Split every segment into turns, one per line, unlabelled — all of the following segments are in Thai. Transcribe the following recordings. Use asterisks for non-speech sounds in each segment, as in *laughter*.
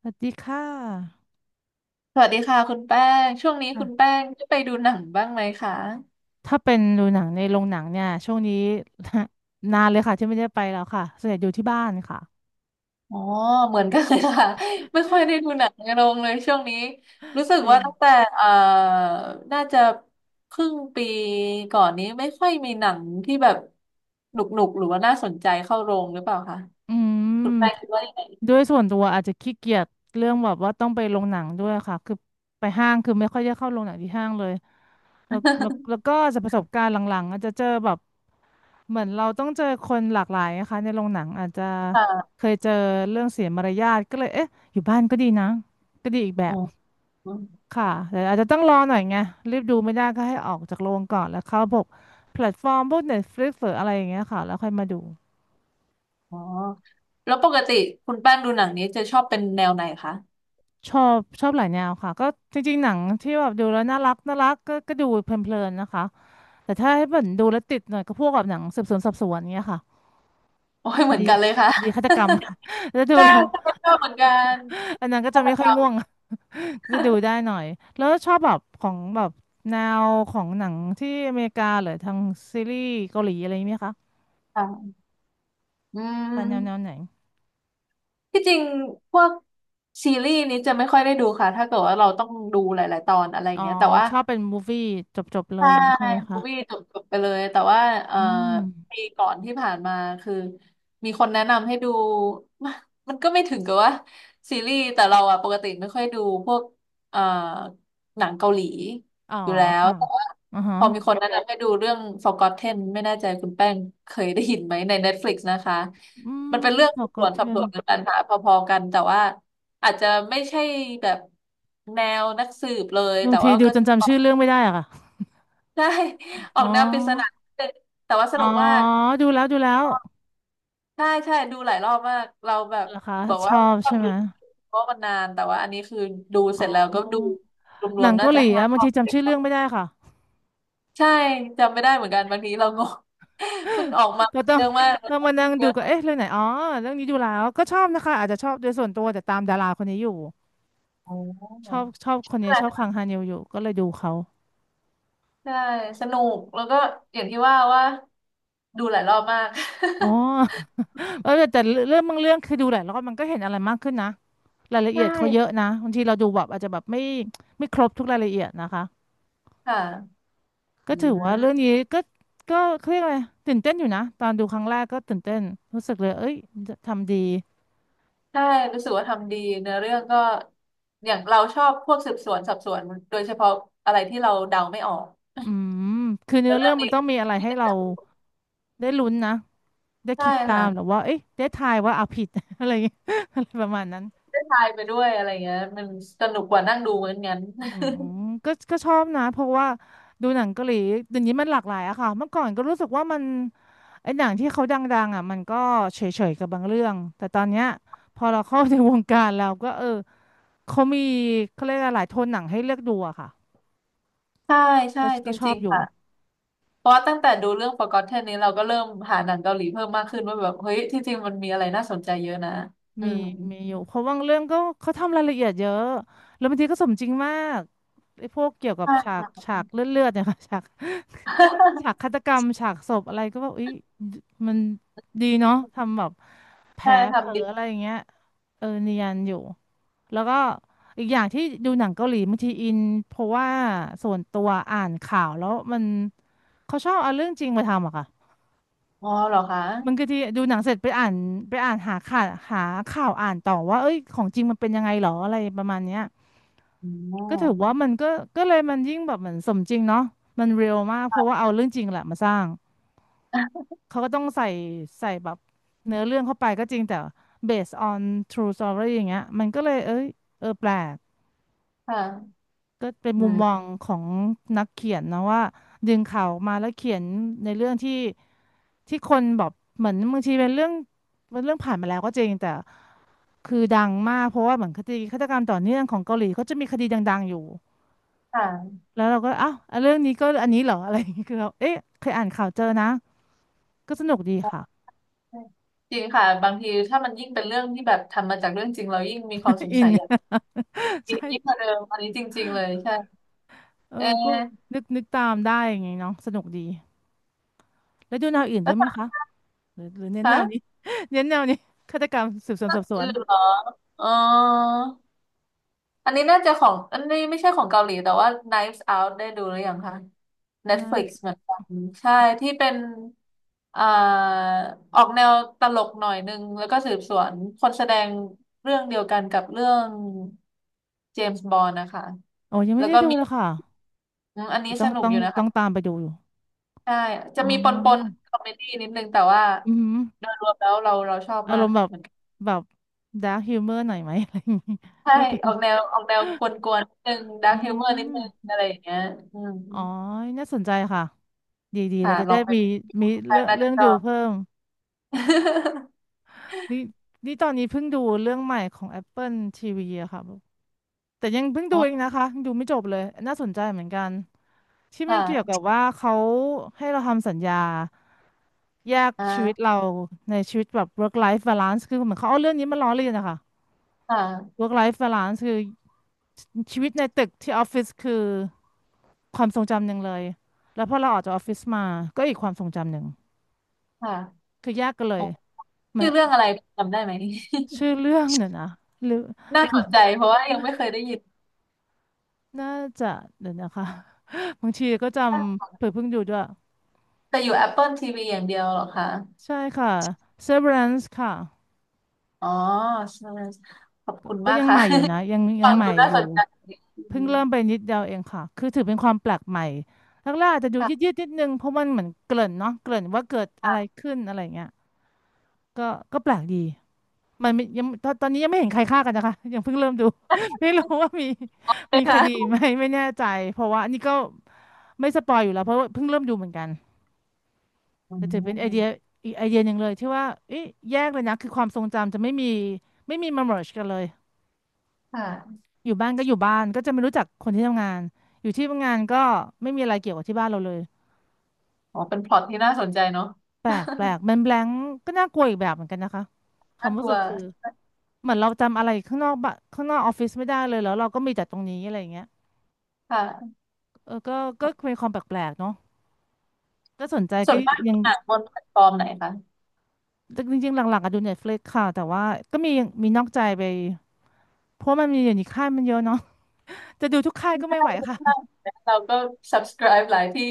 สวัสดีค่ะ
สวัสดีค่ะคุณแป้งช่วงนี้คุณ
ค่ะ
แป้งได้ไปดูหนังบ้างไหมคะ
ถ้าเป็นดูหนังในโรงหนังเนี่ยช่วงนี้ *laughs* นานเลยค่ะที่ไม่ได้ไปแล้วค่ะส่วนใหญ่อยู่ที่บ้านค่ะ
อ๋อเหมือนกันเลยค่ะ *laughs* ไม่ค่อยได้ดูหนังในโรงเลยช่วงนี้รู้สึก
เอ
ว่าตั้ง
อ
แต่เอ่อน่าจะครึ่งปีก่อนนี้ไม่ค่อยมีหนังที่แบบหนุกหนุกหรือว่าน่าสนใจเข้าโรงหรือเปล่าคะ
อื
คุณแป้งคิ
ม
ดว่ายังไง
ด้วยส่วนตัวอาจจะขี้เกียจเรื่องแบบว่าต้องไปโรงหนังด้วยค่ะคือไปห้างคือไม่ค่อยได้เข้าโรงหนังที่ห้างเลยแล้วแล้วแล้
*laughs*
วก็จะประสบการณ์หลังๆอาจจะเจอแบบเหมือนเราต้องเจอคนหลากหลายนะคะในโรงหนังอาจจะ
ค่ะ
เคยเจอเรื่องเสียมารยาทก็เลยเอ๊ะอยู่บ้านก็ดีนะก็ดีอีกแบ
อ๋อ
บ ค่ะแต่อาจจะต้องรอหน่อยไงรีบดูไม่ได้ก็ให้ออกจากโรงก่อนแล้วเข้าพวกแพลตฟอร์มพวก Netflix หรืออะไรอย่างเงี้ยค่ะแล้วค่อยมาดู
อ๋อแล้วปกติคุณแป้งดูหนังนี้จะชอบเป็นแนวไหนคะ
ชอบหลายแนวค่ะก็จริงๆหนังที่แบบดูแล้วน่ารักน่ารักก็ดูเพลินๆนะคะแต่ถ้าให้เหมือนดูแล้วติดหน่อยก็พวกแบบหนังสืบสวนสอบสวนเงี้ยค่ะ
โอ้ย
ค
เหมือ
ดี
นกันเลยค่ะ
คดีฆาตกรรม *laughs* แล้ว
*laughs*
ดู
ใช่
แล้ว
ใช่ชอบเหมือนกัน
อันนั้นก็จะ
ฆาต
ไม่
ก
ค่
ร
อย
รม
ง่วง *laughs* ก็จะดูได้หน่อยแล้วชอบแบบของแบบแนวของหนังที่อเมริกาหรือทางซีรีส์เกาหลีอะไรไหมคะ
ค่ะอื
เป็นแนวแนวไห
ม
น
ที่จริงพวกซีรีส์นี้จะไม่ค่อยได้ดูค่ะ ถ้าเกิดว่าเราต้องดูหลายๆตอนอะไรอย่า
อ๋อ
งเงี้ยแต่ว่า
ชอบเป็นมูฟวี่จบๆเล
ใช่
ยอย่างงี้ใช่ไหม
พู
คะ
วีจบจบไปเลยแต่ว่าเอ่อ
อืม
ปีก่อนที่ผ่านมาคือมีคนแนะนำให้ดู *laughs* มันมันก็ไม่ถึงกับว่าซีรีส์แต่เราอะปกติไม่ค่อยดูพวกเอ่อหนังเกาหลี
อ๋อ
อยู่แล้ว
ค่ะ
แต่ว่า
อือฮะ
พอมีคนแนะนำให้ดูเรื่อง Forgotten ไม่แน่ใจคุณแป้งเคยได้ยินไหมใน Netflix นะคะ
อื
มัน
ม
เป็นเรื่องสืบสวนสอบส
Forgotten
วนกันปัญหาพอๆกันแต่ว่าอาจจะไม่ใช่แบบแนวนักสืบเลย
บาง
แต่
ที
ว่า
ดู
ก็
จนจำชื่อเรื่องไม่ได้อะค่ะ
ใช่ *laughs* ออ
อ๋
กแนวปริศนา
อ
นิดนึงแต่ว่าส
อ๋อ
นุกมาก
ดูแล้วดูแล้ว
ใช่ใช่ดูหลายรอบมากเราแบบ
เหรอคะ
บอก
ช
ว่า
อบ
ชอ
ใช่
บ
ไหม
ดูเพราะมันนานแต่ว่าอันนี้คือดู
อ๋
เสร็จแล้วก็ดู
อ
ร
ห
ว
นั
ม
ง
ๆน่า
เกาห
จะ
ลี
ห้า
อะบา
ร
ง
อ
ที
บ
จำชื่อเรื่องไม่ได้ค่ะ
ใช่จำไม่ได้เหมือนกันบางทีเรางง *laughs* มันออกมา
ก็ต้อ
เย
ง
อะมาก
ต้องมานั่ง
เย
ดู
อะ
ก็เอ๊ะเรื่องไหนอ๋อเรื่องนี้ดูแล้วก็ชอบนะคะอาจจะชอบโดยส่วนตัวแต่ตามดาราคนนี้อยู่
โอ
ชอ
๋
บชอบคนนี้ชอบคังฮานิวอยู่ก็เลยดูเขา
ใช่สนุกแล้วก็อย่างที่ว่าว่าดูหลายรอบมาก
อ๋อ เออแต่เรื่องบางเรื่องคือดูหลายรอบมันก็เห็นอะไรมากขึ้นนะรายละ
*laughs* ใช
เอียดเขาเยอะ
่
นะบางทีเราดูแบบอาจจะแบบไม่ครบทุกรายละเอียดนะคะ
ค่ะ
ก็
อื
ถือว่าเรื่อง
ม
นี้ก็เขาเรียกอะไรตื่นเต้นอยู่นะตอนดูครั้งแรกก็ตื่นเต้นรู้สึกเลยเอ้ยทำดี
ใช่รู้สึกว่าทำดีเนื้อเรื่องก็อย่างเราชอบพวกสืบสวนสอบสวนโดยเฉพาะอะไรที่เราเดาไม่ออก
อืมคือเนื้
แล้
อ
วเรื่
เรื่
อ
อ
ง
งมั
นี้
นต้องมีอะไร
ที่
ให้
ได้
เราได้ลุ้นนะได้
ใช่
คิดตามหรือ
ค่ะ
ว่าเอ้ยได้ทายว่าเอาผิด *laughs* อะไรอย่างเงี้ยอะไรประมาณนั้น
ได้ทายไปด้วยอะไรเงี้ยมันสนุกกว่านั่งดูเหมือนงั้น
อืมก็ชอบนะเพราะว่าดูหนังเกาหลีเดี๋ยวนี้มันหลากหลายอะค่ะเมื่อก่อนก็รู้สึกว่ามัน ไอ้หนังที่เขาดังๆอ่ะมันก็เฉยๆกับบางเรื่องแต่ตอนเนี้ยพอเราเข้าในวงการเราก็เออเขามีเขาเรียกอะไรหลายโทนหนังให้เลือกดูอะค่ะ
ใช่ใช่
ก็
จ
ก็ชอ
ริ
บ
ง
อ
ๆ
ยู่
ค่ะเพราะว่าตั้งแต่ดูเรื่อง Forgotten นี้เราก็เริ่มหาหนังเกาหลีเพิ่มมากขึ้นว่าแบบเฮ้ยที่จริงมันมีอะไรน่าสนใจเยอะนะอื
มี
ม
มีอยู่เพราะบางเรื่องก็เขาทำรายละเอียดเยอะแล้วบางทีก็สมจริงมากไอ้พวกเกี่ยวกับ
ใช่
ฉาก
ค่ะ
ฉากเลือดๆเนี่ยค่ะ *laughs* ฉาก ฉากฆา
*laughs*
ตกรรมฉากศพอะไรก็แบบอุ๊ยมันดีเนาะทำแบบแผล
ใช่
เผลอ
ทำดี
อะไรอย่างเงี้ยเออเนียนอยู่แล้วก็อีกอย่างที่ดูหนังเกาหลีบางทีอินเพราะว่าส่วนตัวอ่านข่าวแล้วมันเขาชอบเอาเรื่องจริงมาทำอะค่ะ
อ๋อเหรอคะ
บางทีดูหนังเสร็จไปอ่านไปอ่านหาข่าวอ่านต่อว่าเอ้ยของจริงมันเป็นยังไงหรออะไรประมาณเนี้ย
อ๋อ
ก็ถือว่ามันก็เลยมันยิ่งแบบเหมือนสมจริงเนาะมันเรียลมากเพราะว่าเอาเรื่องจริงแหละมาสร้าง เขาก็ต้องใส่ใส่แบบเนื้อเรื่องเข้าไปก็จริงแต่ based on true story อย่างเงี้ยมันก็เลยเอ้ยเออแปลก
ค่ะ
ก็เป็น
อื
มุม
ม
มองของนักเขียนนะว่าดึงข่าวออกมาแล้วเขียนในเรื่องที่คนแบบเหมือนบางทีเป็นเรื่องเป็นเรื่องผ่านมาแล้วก็จริงแต่คือดังมากเพราะว่าเหมือนคดีฆาตกรรมต่อเนื่องของเกาหลีเขาจะมีคดีดังๆอยู่
ค่ะ
แล้วเราก็อ้าวอ่ะเรื่องนี้ก็อันนี้เหรออะไรอย่างเงี้ยคือเราเอ๊ะเคยอ่านข่าวเจอนะก็สนุกดีค่ะ
จริงค่ะบางทีถ้ามันยิ่งเป็นเรื่องที่แบบทำมาจากเรื่องจริงเรายิ่งมีความส
*laughs*
ง
อิ
สั
น
ยอยาก
*laughs*
ยิ่
ใช่
ยิ่งกว่าเดิมอันนี้จริงๆเลยใช่
เออ
เอ
ก็
อ
นึกตามได้อย่างไงเนาะสนุกดีแล้วดูแนวอื่นด้
แล้
วย
ว
ไหมคะหรือเน้น
คะ
แนวนี้ *laughs* เน้นแนวนี้ฆาตกรรมสืบสวน
เร่ะ
สอบสว
อื่
น
นเหรออ๋ออันนี้น่าจะของอันนี้ไม่ใช่ของเกาหลีแต่ว่า Knives Out ได้ดูหรือยังคะ
นะ
Netflix เหมือนกันใช่ที่เป็นอ่าออกแนวตลกหน่อยนึงแล้วก็สืบสวนคนแสดงเรื่องเดียวกันกับเรื่องเจมส์บอนด์นะคะ
โอ้ยังไม่
แล้ว
ได้
ก็
ดู
มี
เลยค่ะ
อมอัน
เดี๋
นี้
ยวต้อ
ส
ง
นุก
ต้อ
อ
ง
ยู่นะ
ต้อง
คะ
ตามไปดูอยู่
ใช่จะ
อ๋
มีปนปน
อ
คอมเมดี้นิดนึงแต่ว่า
อือหือ
โดยรวมแล้วเราเราชอบ
อา
มา
ร
ก
มณ์แบบ
เหมือนกัน
แบบดาร์คฮิวเมอร์หน่อยไหม *laughs* อะไรอย่างงี้
ใช่
ถ้าเป็น
ออกแนวออกแนวกวนๆนิดนึงดา
อื
ร์คฮิวเมอร์นิดนึง
ม
อะไรอย่างเงี้ยอืม
อ๋อน่าสนใจค่ะดีดี
ค่ะ
เราจะ
ล
ได้
องไป
มี
ดู
มี
ใคร
เรื่อง
น่า
เรื่
จะ
อง
ชอ
ดู
บ
เพิ่ม
*laughs*
นี่นี่ตอนนี้เพิ่งดูเรื่องใหม่ของ Apple TV อะค่ะ แต่ยังเพิ่งดู
อ๋อ
เองนะคะยังดูไม่จบเลยน่าสนใจเหมือนกันที่
*laughs*
มันเกี่ยวกั
ค่ะ
บว่าเขาให้เราทำสัญญาแยกชีวิต
อ่า
เราในชีวิตแบบ work life balance คือเหมือนเขาเอาเรื่องนี้มาล้อเลียนนะคะ
ค่ะ
work life balance คือชีวิตในตึกที่ออฟฟิศคือความทรงจำหนึ่งเลยแล้วพอเราออกจากออฟฟิศมาก็อีกความทรงจำหนึ่ง
ค่ะ
คือแยกกันเล
อ๋
ย
อ
มัน
ชื่อเรื่องอะไรจำได้ไหม
ชื่อเรื่องเนี่ยนะหรือ
*laughs* น่าสนใจเพราะว่ายังไม่เคยได้ยิน
น่าจะเดี๋ยวนะคะ *laughs* บางทีก็จำเผื่อเพิ่งดูด้วย
แต่อยู่ Apple TV อย่างเดียวเหรอคะ
ใช่ค่ะ Severance ค่ะ
อ๋อใช่ขอบคุ
ก
ณ
ก็
มาก
ยัง
ค่ะ
ใหม่อยู่นะยัง
*laughs*
ยั
ฟั
ง
ง
ใหม่
ดูน่า
อยู่
สนใจอื
เพิ่ง
ม
เริ่มไปนิดเดียวเองค่ะคือถือเป็นความแปลกใหม่แรกๆอาจจะดูยืดยื
ค่ะ
ดนิดนึงเพราะมันเหมือนเกริ่นเนาะเกริ่นว่าเกิดอะไร
ค่ะ
ขึ้นอะไรเงี้ยก็ก็แปลกดีมันไม่ยังตอนนี้ยังไม่เห็นใครฆ่ากันนะคะยังเพิ่งเริ่มดู *laughs* ไม่รู้ว่ามี
ใช่
มีคดี
ค่ะ
ไหมไม่แน่ใจเพราะว่าอันนี้ก็ไม่สปอยอยู่แล้วเพราะว่าเพิ่งเริ่มดูเหมือนกัน
อ๋
แต่ถือเป็นไอเดี
อ
ยอีกไอเดียหนึ่งเลยที่ว่าเอ๊ะแยกเลยนะคือความทรงจำจะไม่มีไม่มีมาเมิร์กันเลย
ค่ะ
อยู่บ้านก็อยู่บ้านก็จะไม่รู้จักคนที่ทำงานอยู่ที่ทำงานก็ไม่มีอะไรเกี่ยวกับที่บ้านเราเลย
อ๋อเป็นพล็อตที่น่าสนใจเนาะ
แปลกแปล
*laughs*
กมันแบลงก็น่ากลัวอีกแบบเหมือนกันนะคะควา
น่า
ม
ก
รู้
ลั
สึ
ว
กคือเหมือนเราจำอะไรข้างนอกบ้านข้างนอกออฟฟิศไม่ได้เลยแล้วเราก็มีแต่ตรงนี้อะไรอย่างเงี้ย
ค่ะ
เออก็ก็เป็นความแปลกๆเนาะก็สนใจ
ส่
ก็
วนมาก
ยั
ดู
ง
หนังบนแพลตฟอร์มไหนคะ
จริงๆหลักๆอะดู Netflix ค่ะแต่ว่าก็มีมีนอกใจไปเพราะมันมีอยู่ในค่ายมันเยอะเนาะจะดูทุกค่ายก็
ได้
ไม่ไหวค่ะ
ได้เราก็ subscribe หลายที่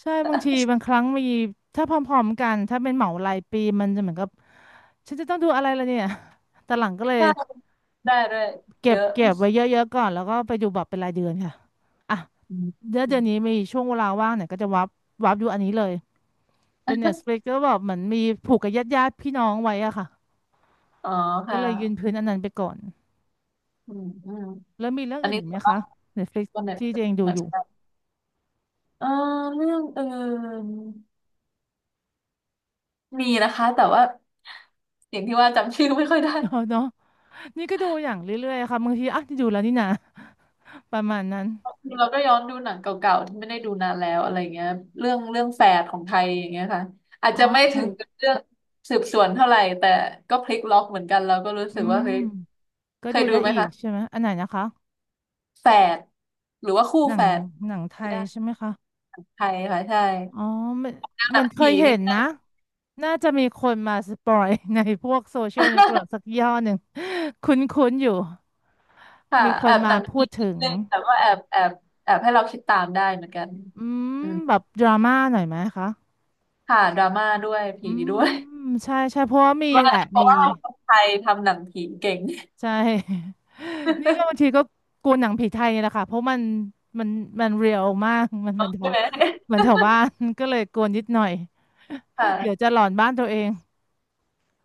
ใช่บางทีบางครั้งมีถ้าพร้อมๆกันถ้าเป็นเหมารายปีมันจะเหมือนกับ ฉันจะต้องดูอะไรล่ะเนี่ยแต่หลังก็เลย
ได้ได้ด้วย
เก็
เย
บ
อะ
เก็บไว้เยอะๆก่อนแล้วก็ไปดูแบบเป็นรายเดือนค่ะอ่ะ
อืม
เดือนนี้มีช่วงเวลาว่างเนี่ยก็จะวับวับดูอันนี้เลยเป็น Netflix ก็แบบเหมือนมีผูกกับญาติพี่น้องไว้อะค่ะ
อ๋อ
ก็
ค่ะ
เลยยืนพื้นอันนั้นไปก่อน
อืมอืม
แล้วมีเรื่อง
อัน
อื่น
นี้
อีกไห
ส่
ม
วนมา
คะ
ก
Netflix
บนไหน
ที่ตัวเองดู
เหมือ
อ
น
ยู่
กันเออเรื่องอื่นมีนะคะแต่ว่าอย่างที่ว่าจำชื่อไม่ค่อยได้
*laughs* เนาะนี่ก็ดูอย่างเรื่อยๆค่ะบางทีอ่ะนี่ดูแล้วนี่นะประมาณนั้น
เราก็ย้อนดูหนังเก่าๆที่ไม่ได้ดูนานแล้วอะไรเงี้ยเรื่องเรื่องแฝดของไทยอย่างเงี้ยค่ะอาจ
อ๋อ
จะไม่ถึ
ค่ะ
งกับเรื่องสืบสวนเท่าไหร่แต่ก็พลิกล็อกเหมือนกันเราก็รู้สึ
อื
กว่าเฮ้ย
มก็
เค
ดู
ยดู
ได้
ไหม
อีก
คะ
ใช่ไหมอันไหนนะคะ
แฝดหรือว่าคู่
หนั
แฝ
ง
ด
หนังไท
ก็
ย
ได้
ใช่ไหมคะ
ไทยค่ะใช่
อ๋อมัน
หนัง
เค
ผี
ยเห็
นิด
น
นึ
นะ
ง
น่าจะมีคนมาสปอย *laughs* ในพวกโซเชียลเน็ตเวิร์กสักย่อหนึ่ง *laughs* คุ้นๆอยู่
*laughs* ค่ะ
มีค
แอ
น
บห
มา
นัง
พู
ผี
ด
นิ
ถึ
ด
ง
นึงแต่ว่าแอบแอบแอบให้เราคิดตามได้เหมือนกัน
อืม
อืม
แบบดราม่าหน่อยไหมคะ
ค่ะดราม่าด้วย
อื
ผีด้ว
ม
ย
ใช่ใช่ เพราะว่ามี
*laughs* ว่า
แหละ
เพราะ
มี
ว่าคนไทยทำหนังผีเก่ง
ใช่ *laughs* นี่ก็บาง
*laughs*
ทีก็กลัวหนังผีไทยนี่แหละค่ะ เพราะมัน มันเรียลมาก *laughs* มันแถ
ใช่
ว
ไหม
แถวบ้าน *laughs* ก็เลยกลัวนิดหน่อย *laughs* เดี๋ยว
ค่ะ
จะหลอนบ้านตัวเอง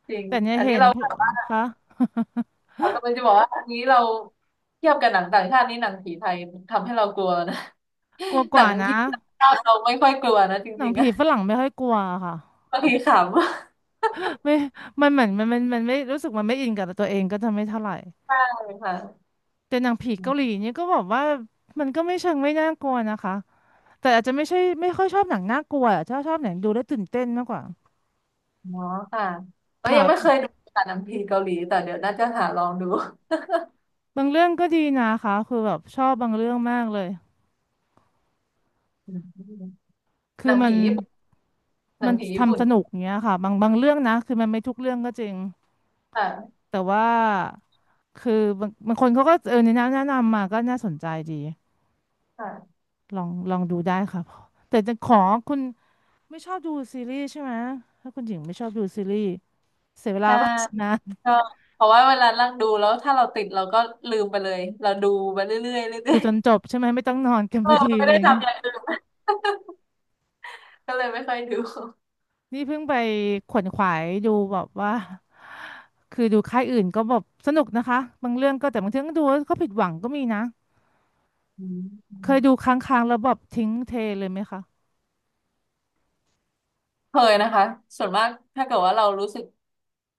จริง
แต่เนี่ย
อันนี้
เห็น
เรา
พวกคะ *laughs*
เขากำลังจะบอกว่าอันนี้เราเทียบกับหนังต่างชาตินี่หนังผีไทยทำให้เรากลัวนะ
กลัว
*laughs*
ก
หนั
ว่า
ง
นะ
ผีต่างชาติเราไม่ค่อยกลัวนะจ
หนั
ริ
ง
งๆ
ผี
อะ
ฝรั่งไม่ค่อยกลัวค่ะ
บางทีขำ
ไม่มันเหมือนมันไม่รู้สึกมันไม่อินกับตัวเองก็จะไม่เท่าไหร่
ใช่ค่ะ
แต่หนังผีเกาหลีเนี่ยก็บอกว่ามันก็ไม่เชิงไม่น่ากลัวนะคะแต่อาจจะไม่ใช่ไม่ค่อยชอบหนังน่ากลัวอะชอบหนังดูแล้วตื่นเต้นมากกว่า
เนาะค่ะเอ้ยยังไม่เค
ค่ะ
ยดูค่ะหนังผีเกาหลีแต่เดี๋ยวน่าจะหาลองดู
บางเรื่องก็ดีนะคะคือแบบชอบบางเรื่องมากเลย
อืม
คื
ห
อ
นัง
มั
ผี
น
ญี่ปุ่นหนังผีญี่ปุ่
ทำ
น
สนุกอย่างเงี้ยค่ะบางเรื่องนะคือมันไม่ทุกเรื่องก็จริง
ค่ะ
แต่ว่าคือบางคนเขาก็เออแนะนำมาก็น่าสนใจดี
ค่ะ
ลองดูได้ค่ะแต่จะขอคุณไม่ชอบดูซีรีส์ใช่ไหมถ้าคุณหญิงไม่ชอบดูซีรีส์เสียเวลา
ใช่
ป่ะนะ
ก็เพราะว่าเวลานั่งดูแล้วถ้าเราติดเราก็ลืมไปเลยเราดูไปเรื่อยๆเรื่
ดู
อย
จนจบใช่ไหมไม่ต้องนอนกัน
ๆเอ
พ
อ
อดี
ไม่
อะไร
ได้
อย่างเงี้ย
ทำอย่างอื่น *laughs* ก็เลยไม่ค่อยดู
นี่เพิ่งไปขวนขวายดูแบบว่าคือดูค่ายอื่นก็แบบสนุกนะคะบางเรื่องก็แต่บางเรื่องก็ดูแล้วก็ผิดหวังก็มีนะ
อื
เคย
ม
ดูค้างๆแล้วแบบทิ้งเทเลยไหมคะ
เคยนะคะส่วนมากถ้าเกิดว่าเรารู้สึก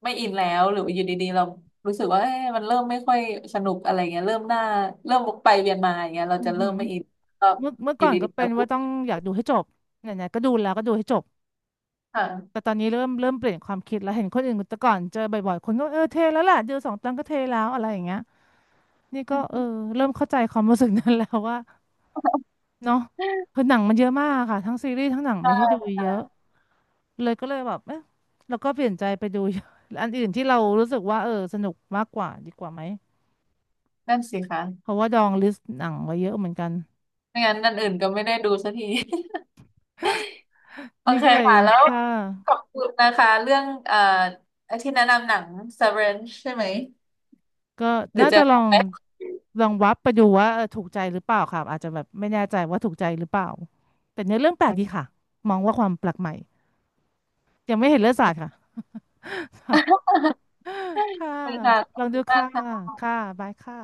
ไม่อินแล้วหรืออยู่ดีๆเรารู้สึกว่าเอ๊ะมันเริ่มไม่ค่อยสนุกอะไรเงี้ยเริ่มหน้าเริ่มวกไปเวียนมาอย่างเงี้ยเรา
อือ
จะ
หื
เริ่ม
อ
ไม่อินก็
เมื่อ
อ
ก่
ยู่
อนก็
ดีๆ
เป็
เรา
น
ก็
ว่าต้องอยากดูให้จบไหนๆก็ดูแล้วก็ดูให้จบ แต่
ค่ะ
ตอนนี้เริ่มเปลี่ยนความคิดแล้วเห็นคนอื่นแต่ก่อนเจอบ่อยๆคนก็เออเทแล้วแหละดูสองตอนก็เทแล้วอะไรอย่างเงี้ยนี่ก็เออเริ่มเข้าใจความรู้สึกนั้นแล้วว่าเนาะ
ใช่
คือหนังมันเยอะมากค่ะทั้งซีรีส์ทั้งหนังมีให้ดูเยอะ
ค่ะ
เลยก็เลยแบบเอ๊ะเราก็เปลี่ยนใจไปดู *laughs* อัน *laughs* อื่นที่เรารู้สึกว่าเออสนุกมากกว่าดีกว่าไหม
นั่นสิคะ
เพราะว่าดองลิสต์หนังไว้เยอะเหมือนกัน
ไม่งั้นนันอื่นก็ไม่ได้ดูสักที *laughs* โอ
นี่
เค
ก็เลย
ค่ะแล้ว
ค่ะ
ขอบคุณนะคะเรื่องที่แนะนำหนัง Severance ใช่ไหม
ก็
เดี๋ย
น่า
วเจะ
จะ
ไปข *laughs* อบ
ลองวับไปดูว่าเออถูกใจหรือเปล่าค่ะอาจจะแบบไม่แน่ใจว่าถูกใจหรือเปล่าแต่เนื้อเรื่องแปลกดีค่ะมองว่าความแปลกใหม่ยังไม่เห็นเลือดสาดค่ะ *laughs* ค่ะ
คุณค่ะขอ
ลอ
บ
งดู
คุณมา
ค่ะ
ก
ค่ะบายค่ะ